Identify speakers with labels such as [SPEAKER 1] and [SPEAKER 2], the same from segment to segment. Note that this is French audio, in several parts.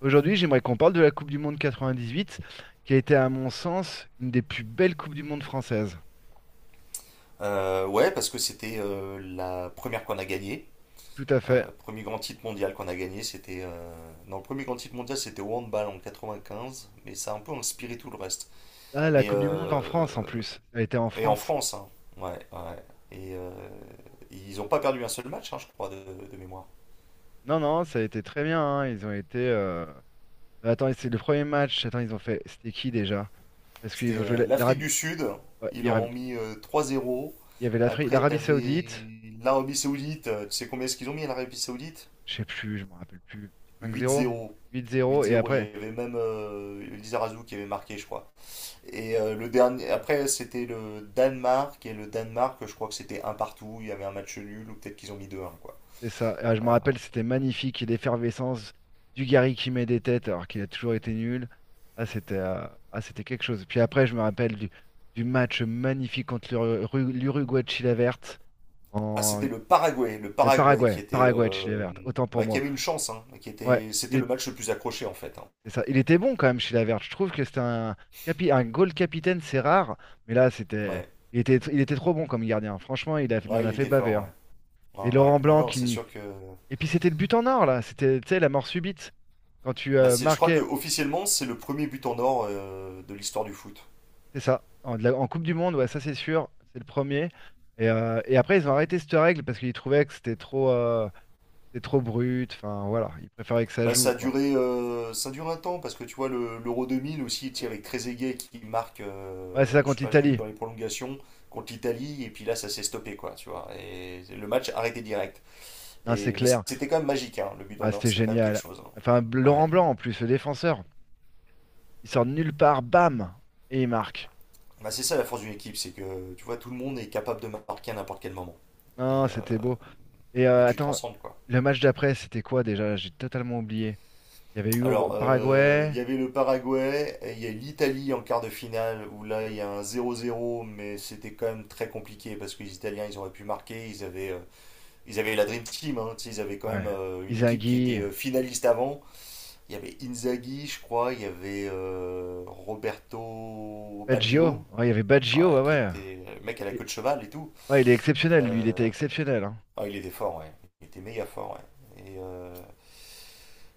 [SPEAKER 1] Aujourd'hui, j'aimerais qu'on parle de la Coupe du Monde 98, qui a été, à mon sens, une des plus belles Coupes du Monde françaises.
[SPEAKER 2] Ouais, parce que c'était la première qu'on a gagnée.
[SPEAKER 1] Tout à fait.
[SPEAKER 2] Premier grand titre mondial qu'on a gagné, c'était. Non, le premier grand titre mondial, c'était au handball en 95, mais ça a un peu inspiré tout le reste.
[SPEAKER 1] Ah, la
[SPEAKER 2] Mais.
[SPEAKER 1] Coupe du Monde en
[SPEAKER 2] euh,
[SPEAKER 1] France, en plus. Ça a été en
[SPEAKER 2] Et en
[SPEAKER 1] France.
[SPEAKER 2] France, hein. Ouais, ouais. Et euh, Ils n'ont pas perdu un seul match, hein, je crois, de mémoire.
[SPEAKER 1] Non, non, ça a été très bien, hein. Ils ont été. Attends, c'est le premier match. Attends, ils ont fait. C'était qui déjà? Parce qu'ils
[SPEAKER 2] C'était
[SPEAKER 1] ont joué
[SPEAKER 2] l'Afrique
[SPEAKER 1] l'Arabie.
[SPEAKER 2] du Sud,
[SPEAKER 1] Ouais,
[SPEAKER 2] ils
[SPEAKER 1] il y
[SPEAKER 2] leur
[SPEAKER 1] avait
[SPEAKER 2] ont mis 3-0.
[SPEAKER 1] il y avait l'Afrique,
[SPEAKER 2] Après,
[SPEAKER 1] l'Arabie
[SPEAKER 2] t'avais
[SPEAKER 1] Saoudite.
[SPEAKER 2] l'Arabie Saoudite, tu sais combien est-ce qu'ils ont mis à l'Arabie Saoudite?
[SPEAKER 1] Je sais plus, je me rappelle plus. 5-0,
[SPEAKER 2] 8-0.
[SPEAKER 1] 8-0, et
[SPEAKER 2] 8-0, il y
[SPEAKER 1] après,
[SPEAKER 2] avait même Lizarazu qui avait marqué, je crois. Le dernier, après, c'était le Danemark, et le Danemark, je crois que c'était un partout, il y avait un match nul, ou peut-être qu'ils ont mis deux 1 quoi.
[SPEAKER 1] c'est ça. Ah, je
[SPEAKER 2] Euh,
[SPEAKER 1] me rappelle, c'était magnifique, et l'effervescence du Gary qui met des têtes alors qu'il a toujours été nul. Ah, c'était euh, ah, c'était quelque chose. Puis après, je me rappelle du match magnifique contre l'Uruguay de Chile verte.
[SPEAKER 2] Ah,
[SPEAKER 1] En...
[SPEAKER 2] c'était le
[SPEAKER 1] Le
[SPEAKER 2] Paraguay qui
[SPEAKER 1] Paraguay.
[SPEAKER 2] était,
[SPEAKER 1] Paraguay de Chile verte. Autant pour
[SPEAKER 2] bah, qui
[SPEAKER 1] moi.
[SPEAKER 2] avait une chance, hein, qui
[SPEAKER 1] Ouais,
[SPEAKER 2] était,
[SPEAKER 1] il
[SPEAKER 2] c'était le
[SPEAKER 1] est-
[SPEAKER 2] match le plus accroché, en fait, hein.
[SPEAKER 1] c'est ça. Il était bon quand même, Chile verte. Je trouve que c'était un goal capitaine, c'est rare. Mais là, c'était.
[SPEAKER 2] Ouais,
[SPEAKER 1] Il était trop bon comme gardien. Franchement, il a... il en
[SPEAKER 2] ouais,
[SPEAKER 1] a
[SPEAKER 2] il
[SPEAKER 1] fait
[SPEAKER 2] était
[SPEAKER 1] baver,
[SPEAKER 2] fort, ouais.
[SPEAKER 1] hein. Et
[SPEAKER 2] Ouais, ouais,
[SPEAKER 1] Laurent
[SPEAKER 2] non,
[SPEAKER 1] Blanc
[SPEAKER 2] non, c'est
[SPEAKER 1] qui.
[SPEAKER 2] sûr que,
[SPEAKER 1] Et puis c'était le but en or, là. C'était, tu sais, la mort subite. Quand tu
[SPEAKER 2] bah, c'est, je crois que
[SPEAKER 1] marquais,
[SPEAKER 2] officiellement, c'est le premier but en or de l'histoire du foot.
[SPEAKER 1] c'est ça, en Coupe du Monde, ouais, ça c'est sûr, c'est le premier. Et après, ils ont arrêté cette règle parce qu'ils trouvaient que c'était trop brut. Enfin, voilà, ils préféraient que ça
[SPEAKER 2] Bah, ça
[SPEAKER 1] joue,
[SPEAKER 2] a
[SPEAKER 1] quoi.
[SPEAKER 2] duré, ça dure un temps parce que tu vois l'Euro 2000 aussi, tu sais, avec Trezeguet qui marque,
[SPEAKER 1] Ouais, c'est ça
[SPEAKER 2] je sais
[SPEAKER 1] contre
[SPEAKER 2] pas,
[SPEAKER 1] l'Italie.
[SPEAKER 2] dans les prolongations contre l'Italie, et puis là ça s'est stoppé quoi, tu vois. Et le match arrêté direct.
[SPEAKER 1] Hein, c'est
[SPEAKER 2] Et mais
[SPEAKER 1] clair.
[SPEAKER 2] c'était quand même magique, hein, le but d'en
[SPEAKER 1] Ah,
[SPEAKER 2] or,
[SPEAKER 1] c'était
[SPEAKER 2] c'est quand même quelque
[SPEAKER 1] génial.
[SPEAKER 2] chose, hein.
[SPEAKER 1] Enfin,
[SPEAKER 2] Ouais.
[SPEAKER 1] Laurent Blanc, en plus, le défenseur, il sort de nulle part, bam, et il marque.
[SPEAKER 2] Bah, c'est ça la force d'une équipe, c'est que tu vois tout le monde est capable de marquer à n'importe quel moment et,
[SPEAKER 1] Non,
[SPEAKER 2] euh,
[SPEAKER 1] c'était beau. Et
[SPEAKER 2] et
[SPEAKER 1] euh,
[SPEAKER 2] tu te
[SPEAKER 1] attends,
[SPEAKER 2] transcendes quoi.
[SPEAKER 1] le match d'après, c'était quoi déjà? J'ai totalement oublié. Il y avait eu
[SPEAKER 2] Alors, il
[SPEAKER 1] Paraguay,
[SPEAKER 2] y avait le Paraguay, et il y a l'Italie en quart de finale, où là, il y a un 0-0, mais c'était quand même très compliqué, parce que les Italiens, ils auraient pu marquer, ils avaient la Dream Team, hein, tu sais, ils avaient quand même
[SPEAKER 1] ouais,
[SPEAKER 2] une équipe qui était
[SPEAKER 1] Inzaghi,
[SPEAKER 2] finaliste avant. Il y avait Inzaghi, je crois, il y avait Roberto
[SPEAKER 1] Baggio.
[SPEAKER 2] Baggio,
[SPEAKER 1] Ouais, il y avait
[SPEAKER 2] enfin,
[SPEAKER 1] Baggio, ouais,
[SPEAKER 2] qui était
[SPEAKER 1] ouais.
[SPEAKER 2] le mec à la queue de cheval et tout.
[SPEAKER 1] Ouais, il est exceptionnel, lui, il était
[SPEAKER 2] Euh,
[SPEAKER 1] exceptionnel, hein.
[SPEAKER 2] il était fort, ouais. Il était méga fort, ouais. Et euh,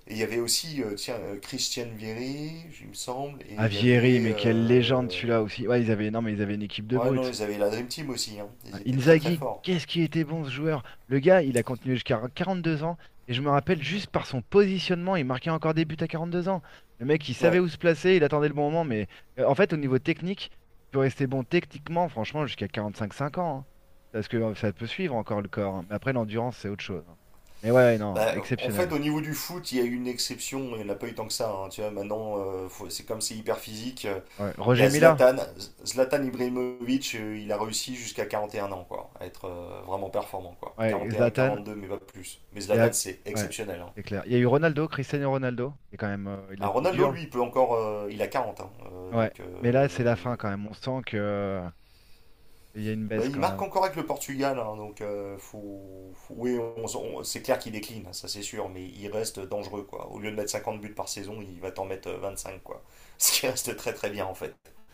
[SPEAKER 2] Et il y avait aussi, tiens, Christiane Vieri, il me semble, et
[SPEAKER 1] Ah,
[SPEAKER 2] il y
[SPEAKER 1] Vieri,
[SPEAKER 2] avait.
[SPEAKER 1] mais quelle légende celui-là aussi. Ouais, ils avaient, non, mais ils avaient une équipe de
[SPEAKER 2] Ouais, non,
[SPEAKER 1] brutes.
[SPEAKER 2] ils avaient la Dream Team aussi, hein.
[SPEAKER 1] Ah,
[SPEAKER 2] Ils étaient très très
[SPEAKER 1] Inzaghi,
[SPEAKER 2] forts.
[SPEAKER 1] qu'est-ce qu'il était bon ce joueur. Le gars, il a continué jusqu'à 42 ans. Et je me rappelle juste par son positionnement, il marquait encore des buts à 2 ans. Le mec, il savait
[SPEAKER 2] Ouais.
[SPEAKER 1] où se placer, il attendait le bon moment. Mais en fait, au niveau technique, tu peux rester bon techniquement, franchement, jusqu'à quarante-cinq cinq ans, hein. Parce que ça peut suivre encore le corps, hein. Mais après, l'endurance, c'est autre chose, hein. Mais ouais, non,
[SPEAKER 2] Bah, en fait,
[SPEAKER 1] exceptionnel.
[SPEAKER 2] au niveau du foot, il y a eu une exception, il n'y en a pas eu tant que ça, hein. Tu vois, maintenant, c'est comme c'est hyper physique.
[SPEAKER 1] Ouais.
[SPEAKER 2] Il y
[SPEAKER 1] Roger
[SPEAKER 2] a
[SPEAKER 1] Mila,
[SPEAKER 2] Zlatan, Zlatan Ibrahimovic, il a réussi jusqu'à 41 ans, quoi, à être vraiment performant, quoi.
[SPEAKER 1] ouais,
[SPEAKER 2] 41,
[SPEAKER 1] Zlatan.
[SPEAKER 2] 42, mais pas plus. Mais
[SPEAKER 1] Il y
[SPEAKER 2] Zlatan,
[SPEAKER 1] a...
[SPEAKER 2] c'est
[SPEAKER 1] Ouais,
[SPEAKER 2] exceptionnel, hein.
[SPEAKER 1] c'est clair. Il y a eu Ronaldo, Cristiano Ronaldo. Il est quand même, il, a-
[SPEAKER 2] Ah,
[SPEAKER 1] il
[SPEAKER 2] Ronaldo,
[SPEAKER 1] dure.
[SPEAKER 2] lui, il peut encore, il a 40, hein,
[SPEAKER 1] Ouais,
[SPEAKER 2] donc
[SPEAKER 1] mais là, c'est la fin quand même. On sent que il y a une
[SPEAKER 2] bah,
[SPEAKER 1] baisse
[SPEAKER 2] il
[SPEAKER 1] quand
[SPEAKER 2] marque
[SPEAKER 1] même.
[SPEAKER 2] encore avec le Portugal, hein, donc oui, c'est clair qu'il décline, ça c'est sûr, mais il reste dangereux quoi. Au lieu de mettre 50 buts par saison, il va t'en mettre 25 quoi. Ce qui reste très très bien en fait.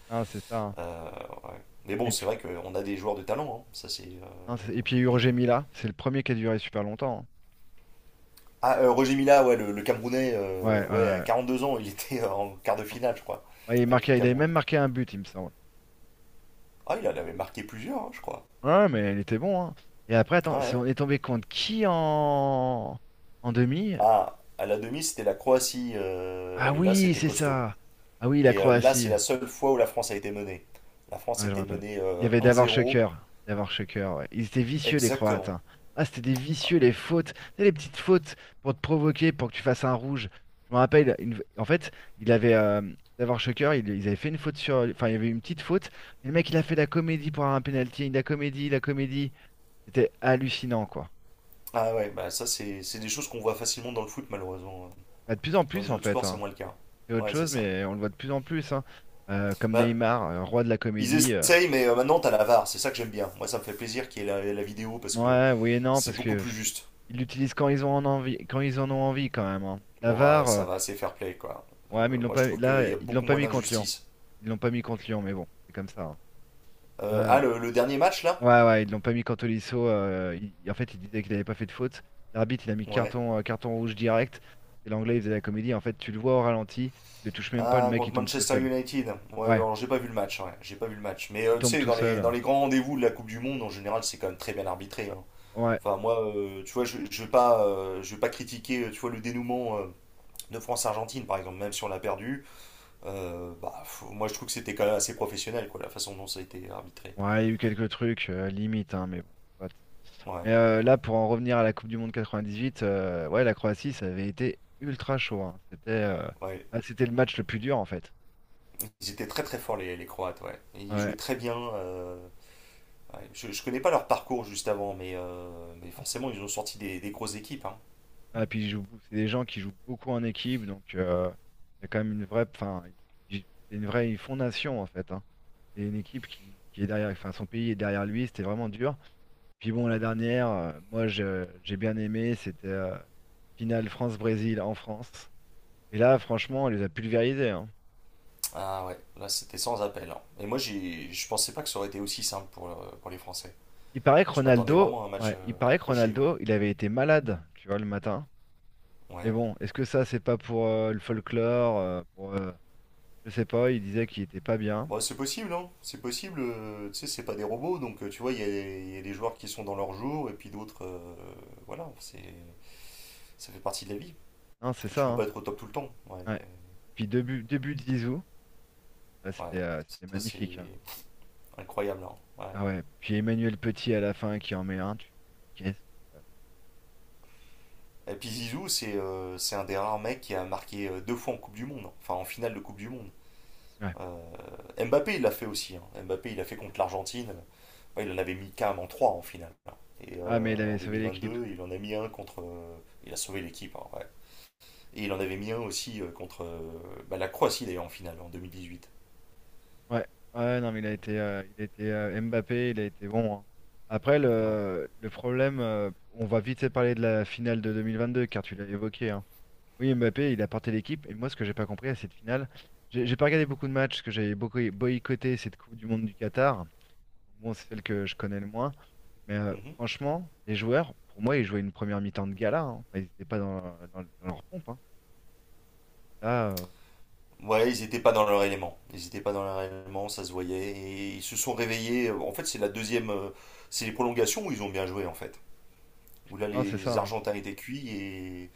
[SPEAKER 1] Non, c'est ça, hein.
[SPEAKER 2] Euh, ouais. Mais bon,
[SPEAKER 1] Et
[SPEAKER 2] c'est
[SPEAKER 1] puis,
[SPEAKER 2] vrai qu'on a des joueurs de talent, hein, ça c'est.
[SPEAKER 1] non, et puis il y a eu
[SPEAKER 2] On a-
[SPEAKER 1] Roger Mila. C'est le premier qui a duré super longtemps, hein.
[SPEAKER 2] Ah, Roger Mila, ouais, le Camerounais,
[SPEAKER 1] Ouais,
[SPEAKER 2] ouais, à
[SPEAKER 1] ouais.
[SPEAKER 2] 42 ans, il était en quart de
[SPEAKER 1] Ouais,
[SPEAKER 2] finale, je crois,
[SPEAKER 1] ouais, il
[SPEAKER 2] avec le
[SPEAKER 1] marquait, il avait
[SPEAKER 2] Cameroun.
[SPEAKER 1] même marqué un but, il me semble.
[SPEAKER 2] Ah, il en avait marqué plusieurs, hein, je crois.
[SPEAKER 1] Ouais, mais il était bon, hein. Et après, attends,
[SPEAKER 2] Ouais, ouais.
[SPEAKER 1] on est tombé contre qui en demi?
[SPEAKER 2] Ah, à la demi, c'était la Croatie,
[SPEAKER 1] Ah
[SPEAKER 2] et là,
[SPEAKER 1] oui,
[SPEAKER 2] c'était
[SPEAKER 1] c'est
[SPEAKER 2] costaud.
[SPEAKER 1] ça. Ah oui, la
[SPEAKER 2] Là, c'est
[SPEAKER 1] Croatie.
[SPEAKER 2] la seule fois où la France a été menée. La France
[SPEAKER 1] Ouais, je me
[SPEAKER 2] était
[SPEAKER 1] rappelle.
[SPEAKER 2] menée
[SPEAKER 1] Il y avait Davor
[SPEAKER 2] 1-0,
[SPEAKER 1] Shocker. Davor Shocker, ouais. Ils étaient vicieux, les Croates,
[SPEAKER 2] exactement.
[SPEAKER 1] hein. Ah, c'était des
[SPEAKER 2] Ah
[SPEAKER 1] vicieux, les fautes. Tu sais, les petites fautes pour te provoquer, pour que tu fasses un rouge. Je me rappelle, en fait, il avait. Davor Shocker, ils avaient fait une faute sur. Enfin, il y avait une petite faute. Et le mec, il a fait la comédie pour un penalty. La comédie, la comédie. C'était hallucinant, quoi.
[SPEAKER 2] ah ouais, bah ça, c'est des choses qu'on voit facilement dans le foot, malheureusement.
[SPEAKER 1] Bah, de plus en
[SPEAKER 2] Dans
[SPEAKER 1] plus,
[SPEAKER 2] les
[SPEAKER 1] en
[SPEAKER 2] autres
[SPEAKER 1] fait,
[SPEAKER 2] sports, c'est
[SPEAKER 1] hein.
[SPEAKER 2] moins le cas.
[SPEAKER 1] C'est autre
[SPEAKER 2] Ouais, c'est
[SPEAKER 1] chose,
[SPEAKER 2] ça.
[SPEAKER 1] mais on le voit de plus en plus, hein. Comme
[SPEAKER 2] Bah,
[SPEAKER 1] Neymar, roi de la
[SPEAKER 2] ils
[SPEAKER 1] comédie.
[SPEAKER 2] essayent, mais maintenant, t'as la VAR, c'est ça que j'aime bien. Moi, ça me fait plaisir qu'il y ait la vidéo parce que
[SPEAKER 1] Ouais, oui et non,
[SPEAKER 2] c'est
[SPEAKER 1] parce
[SPEAKER 2] beaucoup
[SPEAKER 1] que
[SPEAKER 2] plus
[SPEAKER 1] pff,
[SPEAKER 2] juste.
[SPEAKER 1] ils l'utilisent quand ils ont en envie, quand ils en ont envie quand même, hein. La
[SPEAKER 2] Bon, ah,
[SPEAKER 1] VAR,
[SPEAKER 2] ça va, c'est fair play, quoi.
[SPEAKER 1] ouais, mais ils l'ont
[SPEAKER 2] Moi, je
[SPEAKER 1] pas,
[SPEAKER 2] trouve
[SPEAKER 1] là,
[SPEAKER 2] qu'il y a
[SPEAKER 1] ils l'ont
[SPEAKER 2] beaucoup
[SPEAKER 1] pas
[SPEAKER 2] moins
[SPEAKER 1] mis contre Lyon.
[SPEAKER 2] d'injustice.
[SPEAKER 1] Ils l'ont pas mis contre Lyon, mais bon, c'est comme ça, hein.
[SPEAKER 2] Euh, ah,
[SPEAKER 1] Euh,
[SPEAKER 2] le, le dernier match, là?
[SPEAKER 1] ouais, ouais, ils l'ont pas mis contre Tolisso. En fait, il disait qu'il n'avait pas fait de faute. L'arbitre, il a mis
[SPEAKER 2] Ouais.
[SPEAKER 1] carton rouge direct. Et l'Anglais, il faisait la comédie. En fait, tu le vois au ralenti, il le touche même pas, le
[SPEAKER 2] Ah,
[SPEAKER 1] mec, il
[SPEAKER 2] contre
[SPEAKER 1] tombe tout
[SPEAKER 2] Manchester
[SPEAKER 1] seul.
[SPEAKER 2] United. Ouais,
[SPEAKER 1] Ouais,
[SPEAKER 2] alors j'ai pas vu le match, ouais, j'ai pas vu le match. Mais
[SPEAKER 1] il
[SPEAKER 2] tu
[SPEAKER 1] tombe
[SPEAKER 2] sais,
[SPEAKER 1] tout seul.
[SPEAKER 2] dans les grands rendez-vous de la Coupe du Monde, en général, c'est quand même très bien arbitré, hein.
[SPEAKER 1] Ouais,
[SPEAKER 2] Enfin, moi, tu vois, je vais pas, je vais pas critiquer, tu vois, le dénouement de France-Argentine, par exemple, même si on l'a perdu. Moi, je trouve que c'était quand même assez professionnel, quoi, la façon dont ça a été arbitré.
[SPEAKER 1] ouais, il y a eu quelques trucs, limite, hein, mais bon.
[SPEAKER 2] Ouais,
[SPEAKER 1] Mais
[SPEAKER 2] mais bon.
[SPEAKER 1] là, pour en revenir à la Coupe du Monde 98, ouais, la Croatie, ça avait été ultra chaud, hein. C'était euh,
[SPEAKER 2] Ouais,
[SPEAKER 1] ah, c'était le match le plus dur, en fait.
[SPEAKER 2] ils étaient très très forts les Croates, ouais. Ils
[SPEAKER 1] Ouais.
[SPEAKER 2] jouaient très bien. Ouais. Je connais pas leur parcours juste avant, mais, mais forcément ils ont sorti des grosses équipes, hein.
[SPEAKER 1] Ah, c'est des gens qui jouent beaucoup en équipe, donc il y a quand même une vraie, enfin, c'est une vraie fondation, en fait, hein. C'est une équipe qui est derrière, enfin, son pays est derrière lui, c'était vraiment dur. Puis bon, la dernière, moi, j'ai bien aimé, c'était finale France-Brésil en France. Et là, franchement, elle les a pulvérisés, hein.
[SPEAKER 2] Ah ouais, là c'était sans appel, hein. Et moi je pensais pas que ça aurait été aussi simple pour, pour les Français.
[SPEAKER 1] Il paraît que
[SPEAKER 2] Je m'attendais
[SPEAKER 1] Ronaldo,
[SPEAKER 2] vraiment à un match
[SPEAKER 1] ouais, il paraît que
[SPEAKER 2] accroché, ouais.
[SPEAKER 1] Ronaldo, il avait été malade, tu vois, le matin. Mais
[SPEAKER 2] Ouais.
[SPEAKER 1] bon, est-ce que ça, c'est pas pour le folklore, pour, je sais pas, il disait qu'il était pas bien.
[SPEAKER 2] Bon, c'est possible, hein. C'est possible, tu sais, c'est pas des robots, donc tu vois, il y a des joueurs qui sont dans leur jour et puis d'autres, voilà, ça fait partie de la vie.
[SPEAKER 1] Non, c'est
[SPEAKER 2] Tu
[SPEAKER 1] ça,
[SPEAKER 2] peux pas
[SPEAKER 1] hein.
[SPEAKER 2] être au top tout le temps, ouais.
[SPEAKER 1] Ouais. Puis deux buts de Zizou, ouais,
[SPEAKER 2] Ouais,
[SPEAKER 1] c'était
[SPEAKER 2] ouais,
[SPEAKER 1] euh, c'était
[SPEAKER 2] ça c'est
[SPEAKER 1] magnifique, hein.
[SPEAKER 2] incroyable, hein. Ouais.
[SPEAKER 1] Ah ouais, puis Emmanuel Petit à la fin qui en met un, tu fais, qu'est-ce qui se passe?
[SPEAKER 2] Et puis Zizou, c'est un des rares mecs qui a marqué deux fois en Coupe du Monde, hein. Enfin en finale de Coupe du Monde.
[SPEAKER 1] Ouais.
[SPEAKER 2] Euh, Mbappé, il l'a fait aussi, hein. Mbappé, il l'a fait contre l'Argentine. Ouais, il en avait mis carrément 3 en finale, hein.
[SPEAKER 1] Ah mais il
[SPEAKER 2] En
[SPEAKER 1] avait sauvé l'équipe.
[SPEAKER 2] 2022, il en a mis un contre. Il a sauvé l'équipe, hein, ouais. Et il en avait mis un aussi contre bah, la Croatie, d'ailleurs, en finale, en 2018.
[SPEAKER 1] Ouais, ouais, non, mais il a été Mbappé, il a été bon, hein. Après,
[SPEAKER 2] Ouais.
[SPEAKER 1] le problème, on va vite parler de la finale de 2022, car tu l'as évoqué, hein. Oui, Mbappé, il a porté l'équipe, et moi, ce que j'ai pas compris à cette finale, j'ai pas regardé beaucoup de matchs, parce que j'avais beaucoup boycotté cette Coupe du Monde du Qatar. Bon, c'est celle que je connais le moins, mais
[SPEAKER 2] Mhm.
[SPEAKER 1] franchement, les joueurs, pour moi, ils jouaient une première mi-temps de gala, hein. Enfin, ils n'étaient pas dans, dans leur pompe, hein. Là,
[SPEAKER 2] Ouais, ils n'étaient pas dans leur élément. Ils n'étaient pas dans leur élément, ça se voyait. Et ils se sont réveillés. En fait, c'est la deuxième. C'est les prolongations où ils ont bien joué, en fait. Où là,
[SPEAKER 1] non, c'est ça,
[SPEAKER 2] les
[SPEAKER 1] hein.
[SPEAKER 2] Argentins étaient cuits.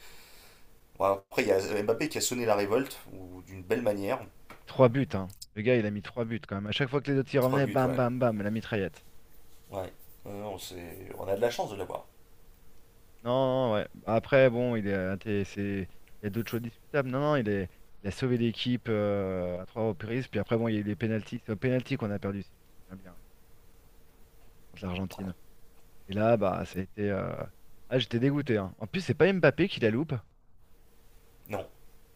[SPEAKER 2] Bon, après, il y a Mbappé qui a sonné la révolte, ou d'une belle manière.
[SPEAKER 1] Trois buts, hein. Le gars, il a mis trois buts quand même. À chaque fois que les autres y
[SPEAKER 2] Trois
[SPEAKER 1] revenaient,
[SPEAKER 2] buts,
[SPEAKER 1] bam,
[SPEAKER 2] ouais.
[SPEAKER 1] bam, bam, la mitraillette.
[SPEAKER 2] Ouais. On a de la chance de l'avoir.
[SPEAKER 1] Non, non, ouais. Après, bon, il est, inté- c'est- il y a d'autres choses discutables. Non, non, il a sauvé l'équipe à trois reprises. Puis après, bon, il y a eu les pénaltys. C'est au pénalty qu'on a perdu, si je me souviens bien, contre
[SPEAKER 2] Ouais.
[SPEAKER 1] l'Argentine. Et là, bah, ça a été. Ah, j'étais dégoûté, hein. En plus, c'est pas Mbappé qui la loupe.
[SPEAKER 2] Non.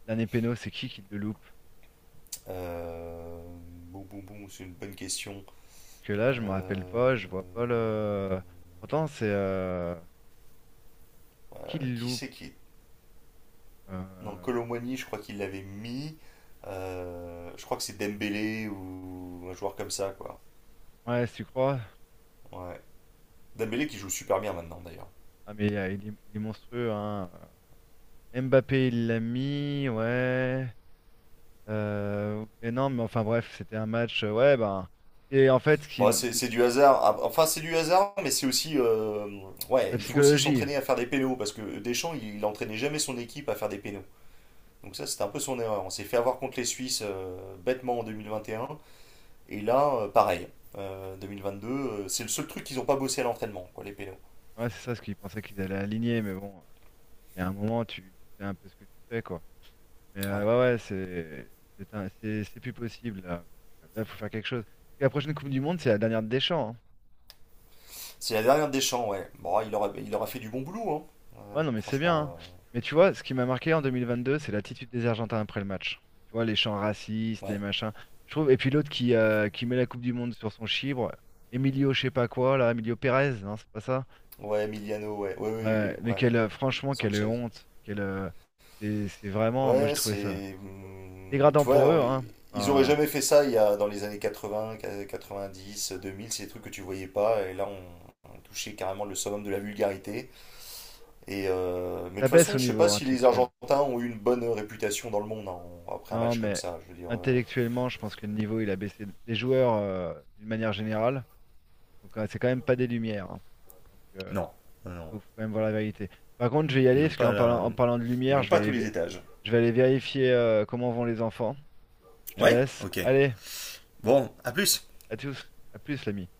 [SPEAKER 1] Dernier péno, c'est qui le loupe?
[SPEAKER 2] Euh, Boum, boum, boum, c'est une bonne question.
[SPEAKER 1] Parce que là, je me rappelle
[SPEAKER 2] Euh,
[SPEAKER 1] pas, je vois pas le. Pourtant, c'est qui le
[SPEAKER 2] Qui
[SPEAKER 1] loupe?
[SPEAKER 2] c'est qui est. Non,
[SPEAKER 1] Euh,
[SPEAKER 2] Colomboigny, je crois qu'il l'avait mis. Je crois que c'est Dembélé ou un joueur comme ça, quoi.
[SPEAKER 1] Ouais, si tu crois.
[SPEAKER 2] Ouais. Dembélé qui joue super bien maintenant, d'ailleurs.
[SPEAKER 1] Ah mais il est monstrueux, hein. Mbappé, il l'a mis, ouais. Mais non, mais enfin bref, c'était un match, ouais, ben. Et en fait,
[SPEAKER 2] Bon, c'est c'est du hasard. Ah, enfin, c'est du hasard, mais c'est aussi. Ouais,
[SPEAKER 1] la
[SPEAKER 2] il faut aussi
[SPEAKER 1] psychologie,
[SPEAKER 2] s'entraîner à faire des pénaux parce que Deschamps, il entraînait jamais son équipe à faire des pénaux. Donc ça, c'était un peu son erreur. On s'est fait avoir contre les Suisses bêtement en 2021. Et un. Et là, pareil. 2022, c'est le seul truc qu'ils n'ont pas bossé à l'entraînement, quoi, les pélos.
[SPEAKER 1] ouais, c'est ça ce qu'ils pensaient qu'ils allaient aligner, mais bon, il y a un moment, tu sais un peu ce que tu fais, quoi. Mais
[SPEAKER 2] Ouais.
[SPEAKER 1] ouais, ouais, c'est plus possible, là. Donc, là, il faut faire quelque chose. Parce que la prochaine Coupe du Monde, c'est la dernière de Deschamps, hein.
[SPEAKER 2] C'est la dernière des champs, ouais. Bon, il aura fait du bon boulot, hein.
[SPEAKER 1] Ouais, non, mais c'est bien, hein.
[SPEAKER 2] Franchement,
[SPEAKER 1] Mais tu vois, ce qui m'a marqué en 2022, c'est l'attitude des Argentins après le match. Tu vois, les chants racistes, les
[SPEAKER 2] ouais.
[SPEAKER 1] machins. Je trouve. Et puis l'autre qui met la Coupe du Monde sur son chibre, Emilio, je sais pas quoi, là, Emilio Pérez, non, c'est pas ça.
[SPEAKER 2] Ouais, Emiliano, ouais. Ouais, ouais,
[SPEAKER 1] Ouais,
[SPEAKER 2] ouais,
[SPEAKER 1] mais
[SPEAKER 2] ouais.
[SPEAKER 1] quelle, franchement, quelle
[SPEAKER 2] Sanchez.
[SPEAKER 1] honte. Quelle, c'est vraiment, moi j'ai
[SPEAKER 2] Ouais,
[SPEAKER 1] trouvé ça
[SPEAKER 2] c'est.
[SPEAKER 1] dégradant
[SPEAKER 2] Tu
[SPEAKER 1] pour eux,
[SPEAKER 2] vois,
[SPEAKER 1] hein.
[SPEAKER 2] ils auraient
[SPEAKER 1] Enfin,
[SPEAKER 2] jamais fait ça dans les années 80, 90, 2000, c'est des trucs que tu voyais pas. Et là, on touchait carrément le summum de la vulgarité. Mais de
[SPEAKER 1] ça
[SPEAKER 2] toute
[SPEAKER 1] baisse
[SPEAKER 2] façon,
[SPEAKER 1] au
[SPEAKER 2] je sais pas
[SPEAKER 1] niveau
[SPEAKER 2] si les
[SPEAKER 1] intellectuel.
[SPEAKER 2] Argentins ont eu une bonne réputation dans le monde, hein, après un
[SPEAKER 1] Non,
[SPEAKER 2] match comme
[SPEAKER 1] mais
[SPEAKER 2] ça. Je veux dire,
[SPEAKER 1] intellectuellement, je pense que le niveau, il a baissé des joueurs d'une manière générale. Donc, c'est quand même pas des lumières, hein. Donc,
[SPEAKER 2] non, non, non,
[SPEAKER 1] faut quand même voir la vérité. Par contre, je vais y
[SPEAKER 2] ils
[SPEAKER 1] aller
[SPEAKER 2] l'ont
[SPEAKER 1] parce
[SPEAKER 2] pas,
[SPEAKER 1] qu'en parlant, en parlant de
[SPEAKER 2] ils
[SPEAKER 1] lumière,
[SPEAKER 2] l'ont
[SPEAKER 1] je vais
[SPEAKER 2] pas à tous
[SPEAKER 1] aller,
[SPEAKER 2] les
[SPEAKER 1] vé-
[SPEAKER 2] étages.
[SPEAKER 1] je vais aller vérifier comment vont les enfants. Je te
[SPEAKER 2] Ouais,
[SPEAKER 1] laisse.
[SPEAKER 2] ok.
[SPEAKER 1] Allez,
[SPEAKER 2] Bon, à plus.
[SPEAKER 1] à tous. À plus, l'ami.